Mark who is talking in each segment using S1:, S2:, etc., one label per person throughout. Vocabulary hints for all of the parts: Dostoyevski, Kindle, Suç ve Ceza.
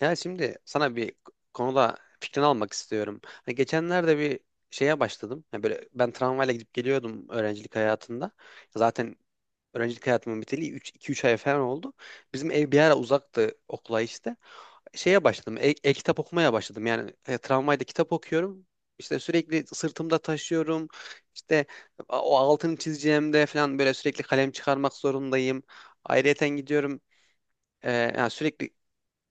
S1: Yani şimdi sana bir konuda fikrini almak istiyorum. Hani geçenlerde bir şeye başladım. Yani böyle ben tramvayla gidip geliyordum öğrencilik hayatında. Zaten öğrencilik hayatımın biteli iki üç ay falan oldu. Bizim ev bir ara uzaktı okula işte. Şeye başladım. E-kitap okumaya başladım. Yani tramvayda kitap okuyorum. İşte sürekli sırtımda taşıyorum. İşte o altını çizeceğimde falan böyle sürekli kalem çıkarmak zorundayım. Ayrıyeten gidiyorum. Yani sürekli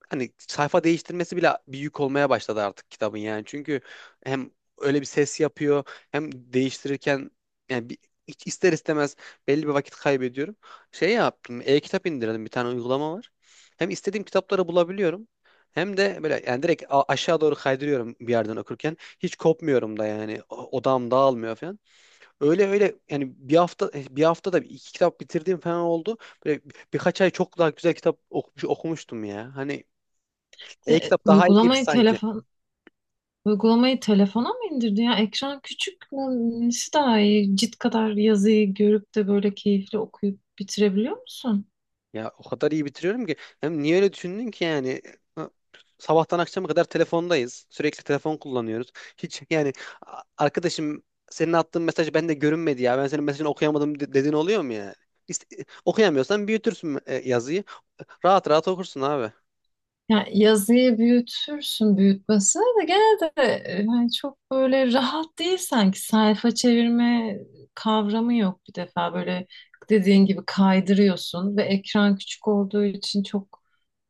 S1: hani sayfa değiştirmesi bile bir yük olmaya başladı artık kitabın yani. Çünkü hem öyle bir ses yapıyor hem değiştirirken yani hiç ister istemez belli bir vakit kaybediyorum. Şey yaptım, e-kitap indirdim, bir tane uygulama var. Hem istediğim kitapları bulabiliyorum. Hem de böyle yani direkt aşağı doğru kaydırıyorum bir yerden okurken. Hiç kopmuyorum da yani odağım dağılmıyor falan. Öyle öyle yani bir haftada iki kitap bitirdiğim falan oldu. Böyle birkaç ay çok daha güzel kitap okumuştum ya. Hani
S2: E,
S1: e-kitap daha iyi gibi
S2: uygulamayı
S1: sanki.
S2: telefon Uygulamayı telefona mı indirdin ya? Ekran küçük mü? Nesi daha iyi? Cilt kadar yazıyı görüp de böyle keyifli okuyup bitirebiliyor musun?
S1: Ya o kadar iyi bitiriyorum ki. Hem niye öyle düşündün ki yani? Ha, sabahtan akşama kadar telefondayız. Sürekli telefon kullanıyoruz. Hiç yani arkadaşım, senin attığın mesaj bende görünmedi ya, ben senin mesajını okuyamadım dediğin oluyor mu yani? Okuyamıyorsan büyütürsün yazıyı. Rahat rahat okursun abi.
S2: Yani yazıyı büyütürsün büyütmesine de gene de yani çok böyle rahat değil sanki. Sayfa çevirme kavramı yok bir defa. Böyle dediğin gibi kaydırıyorsun ve ekran küçük olduğu için çok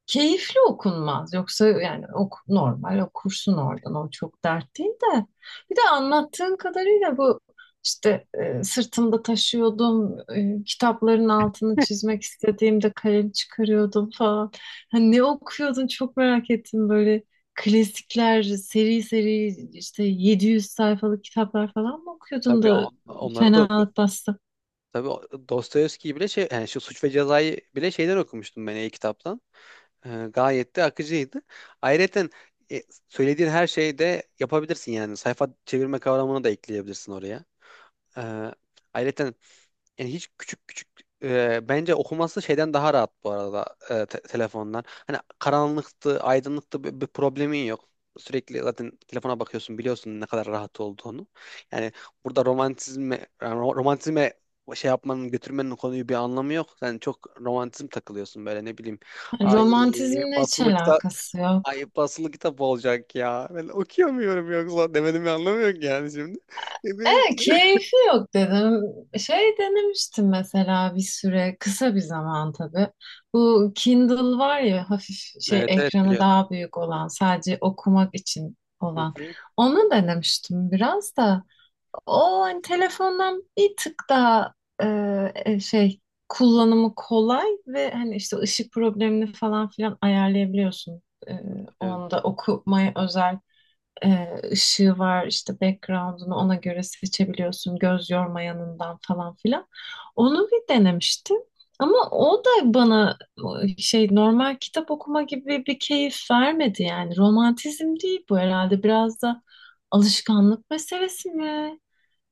S2: keyifli okunmaz. Yoksa yani ok normal okursun oradan. O çok dert değil de. Bir de anlattığın kadarıyla bu işte sırtımda taşıyordum, kitapların altını çizmek istediğimde kalem çıkarıyordum falan. Hani ne okuyordun çok merak ettim böyle klasikler, seri seri işte 700 sayfalık kitaplar falan mı okuyordun
S1: Tabii
S2: da
S1: onları da oku.
S2: fenalık bastı?
S1: Tabii Dostoyevski'yi bile şey yani şu Suç ve Ceza'yı bile şeyden okumuştum ben, e-kitaptan. Gayet de akıcıydı. Ayrıca e, söylediğin her şeyi de yapabilirsin yani. Sayfa çevirme kavramını da ekleyebilirsin oraya. Ee, Ayrıca yani hiç küçük küçük bence okuması şeyden daha rahat bu arada, telefondan. Hani karanlıktı, aydınlıktı bir problemin yok. Sürekli zaten telefona bakıyorsun, biliyorsun ne kadar rahat olduğunu. Yani burada romantizme yani romantizme şey yapmanın, götürmenin konuyu bir anlamı yok. Sen çok romantizm takılıyorsun böyle, ne bileyim.
S2: Yani
S1: Ay
S2: romantizmle hiç
S1: basılı kitap,
S2: alakası
S1: ay
S2: yok.
S1: basılı kitap olacak ya. Ben okuyamıyorum yoksa demedim, anlamı yok yani şimdi. E, bir-
S2: Keyfi yok dedim. Şey denemiştim mesela bir süre, kısa bir zaman tabii. Bu Kindle var ya hafif şey
S1: Evet, evet,
S2: ekranı
S1: biliyorum.
S2: daha büyük olan, sadece okumak için
S1: Hı
S2: olan.
S1: hı.
S2: Onu denemiştim biraz da. O hani telefondan bir tık daha şey kullanımı kolay ve hani işte ışık problemini falan filan ayarlayabiliyorsun. E,
S1: Biliyorum.
S2: Onda okumaya özel ışığı var işte background'unu ona göre seçebiliyorsun göz yormayanından falan filan. Onu bir denemiştim. Ama o da bana şey normal kitap okuma gibi bir keyif vermedi yani. Romantizm değil bu herhalde. Biraz da alışkanlık meselesi mi?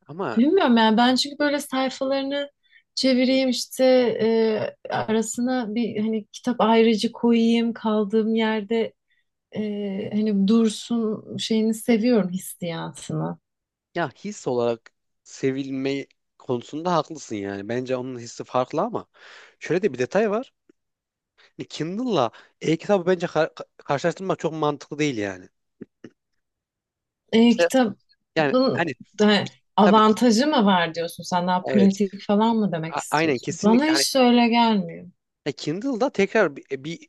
S1: Ama
S2: Bilmiyorum yani ben çünkü böyle sayfalarını çevireyim işte arasına bir hani kitap ayrıcı koyayım kaldığım yerde hani Dursun şeyini seviyorum hissiyatını.
S1: ya his olarak sevilme konusunda haklısın yani. Bence onun hissi farklı ama şöyle de bir detay var. Hani Kindle'la e-kitabı bence karşılaştırmak çok mantıklı değil yani. İşte
S2: Kitabın
S1: yani hani,
S2: da
S1: tabii,
S2: avantajı mı var diyorsun sen daha
S1: evet,
S2: pratik falan mı demek
S1: aynen,
S2: istiyorsun? Bana
S1: kesinlikle, hani
S2: hiç öyle gelmiyor.
S1: Kindle'da tekrar bir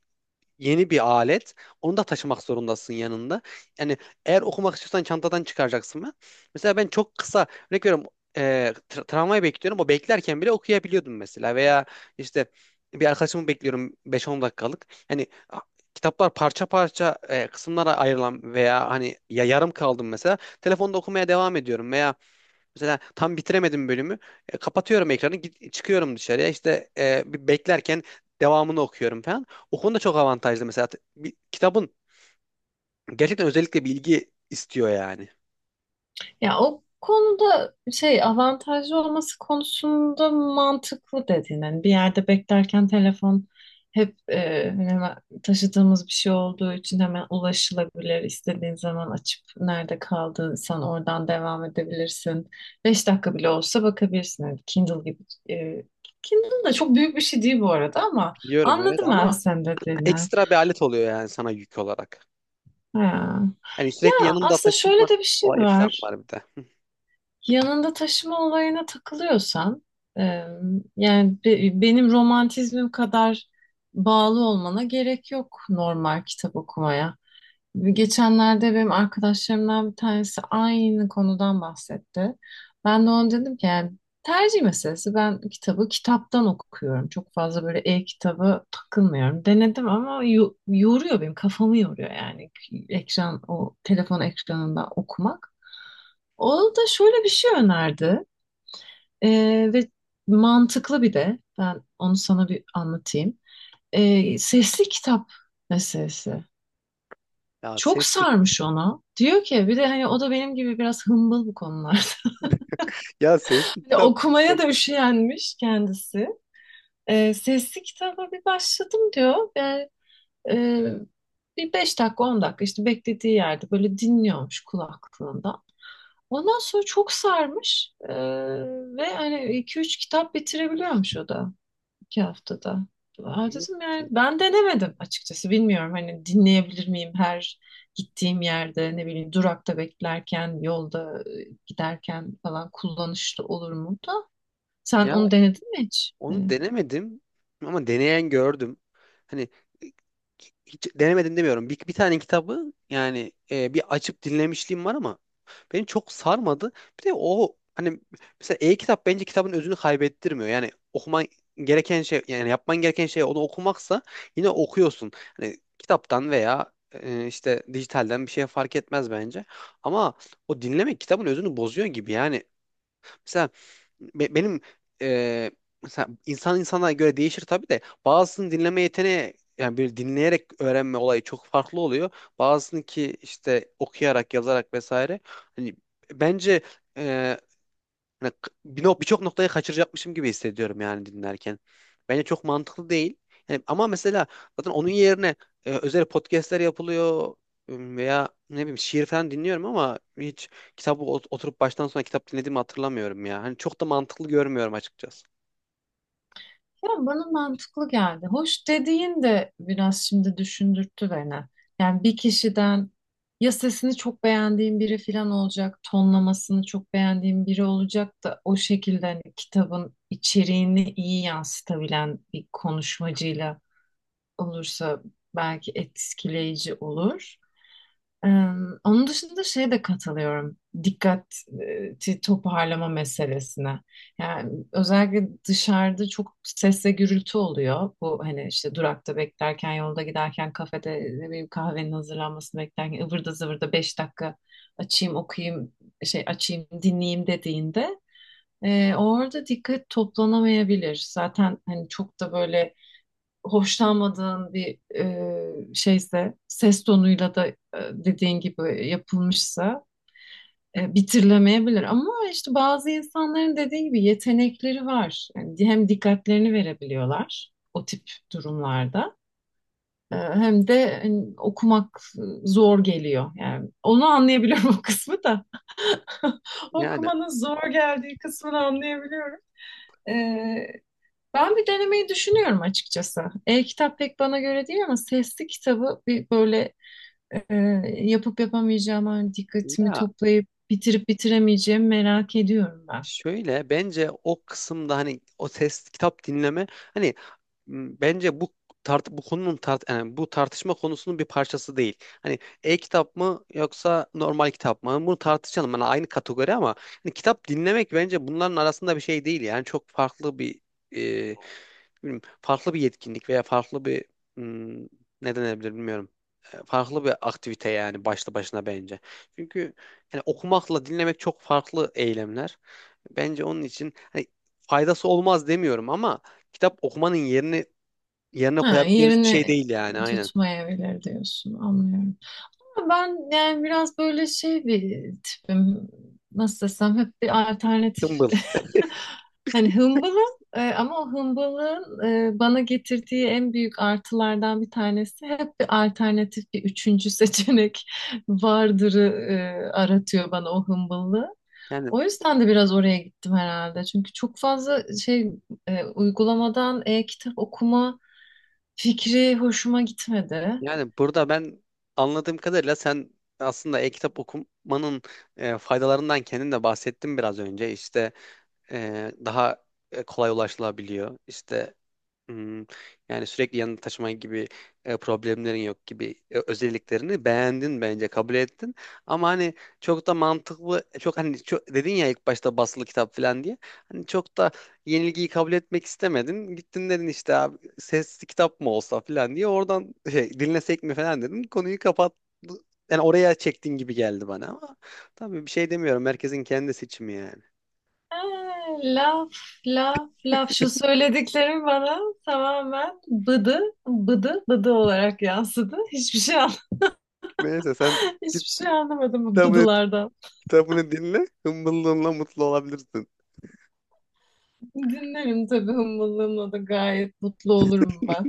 S1: yeni bir alet. Onu da taşımak zorundasın yanında. Yani eğer okumak istiyorsan çantadan çıkaracaksın ben. Mesela ben çok kısa örnek veriyorum, e, tramvayı bekliyorum. O beklerken bile okuyabiliyordum mesela. Veya işte bir arkadaşımı bekliyorum 5-10 dakikalık. Yani kitaplar parça parça, kısımlara ayrılan veya hani ya yarım kaldım mesela, telefonda okumaya devam ediyorum. Veya mesela tam bitiremedim bölümü. Kapatıyorum ekranı, git, çıkıyorum dışarıya. İşte bir beklerken devamını okuyorum falan. O konuda çok avantajlı mesela. Kitabın gerçekten özellikle bilgi istiyor yani.
S2: Ya o konuda şey avantajlı olması konusunda mantıklı dediğin. Hani bir yerde beklerken telefon hep hani hemen taşıdığımız bir şey olduğu için hemen ulaşılabilir. İstediğin zaman açıp nerede kaldıysan oradan devam edebilirsin. 5 dakika bile olsa bakabilirsin. Hani Kindle gibi. e, Kindle da çok büyük bir şey değil bu arada ama
S1: Biliyorum, evet,
S2: anladım ben
S1: ama
S2: sen dediğini.
S1: ekstra bir alet oluyor yani sana yük olarak.
S2: Ha.
S1: Yani sürekli
S2: Ya
S1: yanında
S2: aslında
S1: taşınma
S2: şöyle de bir şey
S1: olayı falan
S2: var.
S1: var bir de. Hı.
S2: Yanında taşıma olayına takılıyorsan, e, yani benim romantizmim kadar bağlı olmana gerek yok normal kitap okumaya. Geçenlerde benim arkadaşlarımdan bir tanesi aynı konudan bahsetti. Ben de ona dedim ki yani tercih meselesi. Ben kitabı kitaptan okuyorum. Çok fazla böyle e-kitabı takılmıyorum. Denedim ama yoruyor benim kafamı yoruyor yani ekran o telefon ekranında okumak. O da şöyle bir şey önerdi. Ve mantıklı, bir de ben onu sana bir anlatayım. Sesli kitap meselesi.
S1: Ya
S2: Çok
S1: sesli,
S2: sarmış onu. Diyor ki bir de hani o da benim gibi biraz hımbıl bu konularda.
S1: ya sesli
S2: Hani
S1: kitap
S2: okumaya
S1: çok
S2: da üşenmiş kendisi. Sesli kitaba bir başladım diyor. Yani, e, bir 5 dakika 10 dakika işte beklediği yerde böyle dinliyormuş kulaklığında. Ondan sonra çok sarmış. Ve hani iki üç kitap bitirebiliyormuş o da. 2 haftada. Aa,
S1: iyi
S2: dedim
S1: ki.
S2: yani ben denemedim açıkçası. Bilmiyorum hani dinleyebilir miyim her gittiğim yerde ne bileyim durakta beklerken yolda giderken falan kullanışlı olur mu da. Sen
S1: Ya
S2: onu denedin mi hiç?
S1: onu
S2: Hani.
S1: denemedim ama deneyen gördüm. Hani hiç denemedim demiyorum. Bir tane kitabı yani, bir açıp dinlemişliğim var ama beni çok sarmadı. Bir de o hani, mesela e-kitap bence kitabın özünü kaybettirmiyor. Yani okuman gereken şey yani yapman gereken şey onu okumaksa yine okuyorsun. Hani kitaptan veya işte dijitalden bir şey fark etmez bence. Ama o dinlemek kitabın özünü bozuyor gibi yani. Mesela benim e, mesela insan insana göre değişir tabii de, bazısının dinleme yeteneği yani, böyle dinleyerek öğrenme olayı çok farklı oluyor. Bazısının ki işte okuyarak, yazarak vesaire. Hani bence, hani birçok noktayı kaçıracakmışım gibi hissediyorum yani dinlerken. Bence çok mantıklı değil. Yani ama mesela, zaten onun yerine özel podcastler yapılıyor, veya ne bileyim şiir falan dinliyorum ama hiç kitabı oturup baştan sona kitap dinlediğimi hatırlamıyorum ya. Hani çok da mantıklı görmüyorum açıkçası.
S2: Ya bana mantıklı geldi. Hoş dediğin de biraz şimdi düşündürttü beni. Yani bir kişiden ya sesini çok beğendiğim biri falan olacak, tonlamasını çok beğendiğim biri olacak da o şekilde hani kitabın içeriğini iyi yansıtabilen bir konuşmacıyla olursa belki etkileyici olur. Ee, Onun dışında şeye de katılıyorum. Dikkati toparlama meselesine. Yani özellikle dışarıda çok ses ve gürültü oluyor. Bu hani işte durakta beklerken, yolda giderken, kafede ne bileyim kahvenin hazırlanmasını beklerken ıvırda zıvırda 5 dakika açayım, okuyayım, şey açayım, dinleyeyim dediğinde orada dikkat toplanamayabilir. Zaten hani çok da böyle hoşlanmadığın bir şeyse, ses tonuyla da dediğin gibi yapılmışsa bitirlemeyebilir. Ama işte bazı insanların dediğin gibi yetenekleri var. Yani hem dikkatlerini verebiliyorlar o tip durumlarda. Hem de hani, okumak zor geliyor. Yani onu anlayabiliyorum o kısmı da.
S1: Yani
S2: Okumanın zor geldiği kısmını anlayabiliyorum. E, Ben bir denemeyi düşünüyorum açıkçası. E-kitap pek bana göre değil ama sesli kitabı bir böyle e, yapıp yapamayacağım, hani dikkatimi
S1: ya,
S2: toplayıp bitirip bitiremeyeceğimi merak ediyorum ben.
S1: şöyle bence o kısımda hani o test kitap dinleme hani, bence bu tart bu konunun tart yani bu tartışma konusunun bir parçası değil. Hani e-kitap mı yoksa normal kitap mı, bunu tartışalım. Hani aynı kategori ama hani kitap dinlemek bence bunların arasında bir şey değil. Yani çok farklı bir, e, bilmiyorum, farklı bir yetkinlik veya farklı bir, m, ne denebilir bilmiyorum. Farklı bir aktivite yani başlı başına bence. Çünkü yani okumakla dinlemek çok farklı eylemler. Bence onun için hani, faydası olmaz demiyorum ama kitap okumanın yerine
S2: Ha,
S1: koyabileceğimiz bir şey
S2: yerini
S1: değil yani, aynen.
S2: tutmayabilir diyorsun, anlıyorum. Ben yani biraz böyle şey bir tipim. Nasıl desem hep bir alternatif.
S1: Kımbıl.
S2: Hani hımbılım ama o hımbılığın bana getirdiği en büyük artılardan bir tanesi hep bir alternatif bir üçüncü seçenek vardırı e, aratıyor bana o hımbıllığı.
S1: Yani
S2: O yüzden de biraz oraya gittim herhalde. Çünkü çok fazla şey uygulamadan e-kitap okuma fikri hoşuma gitmedi.
S1: yani burada ben anladığım kadarıyla sen aslında e-kitap okumanın faydalarından kendin de bahsettin biraz önce. İşte daha kolay ulaşılabiliyor. İşte Hmm, yani sürekli yanında taşıma gibi problemlerin yok gibi özelliklerini beğendin, bence kabul ettin. Ama hani çok da mantıklı çok hani çok, dedin ya ilk başta basılı kitap falan diye. Hani çok da yenilgiyi kabul etmek istemedin. Gittin dedin işte, abi sesli kitap mı olsa falan diye oradan, şey, dinlesek mi falan dedin. Konuyu kapat, yani oraya çektin gibi geldi bana ama tabii bir şey demiyorum. Herkesin kendi seçimi yani.
S2: Laf, laf, laf. Şu söylediklerim bana tamamen bıdı, bıdı, bıdı olarak yansıdı. Hiçbir şey
S1: Neyse, sen git
S2: hiçbir şey anlamadım bu
S1: kitabı
S2: bıdılardan.
S1: kitabını dinle, hımbıllığınla mutlu olabilirsin.
S2: Dinlerim tabii hımbıllığımla da gayet mutlu olurum ben.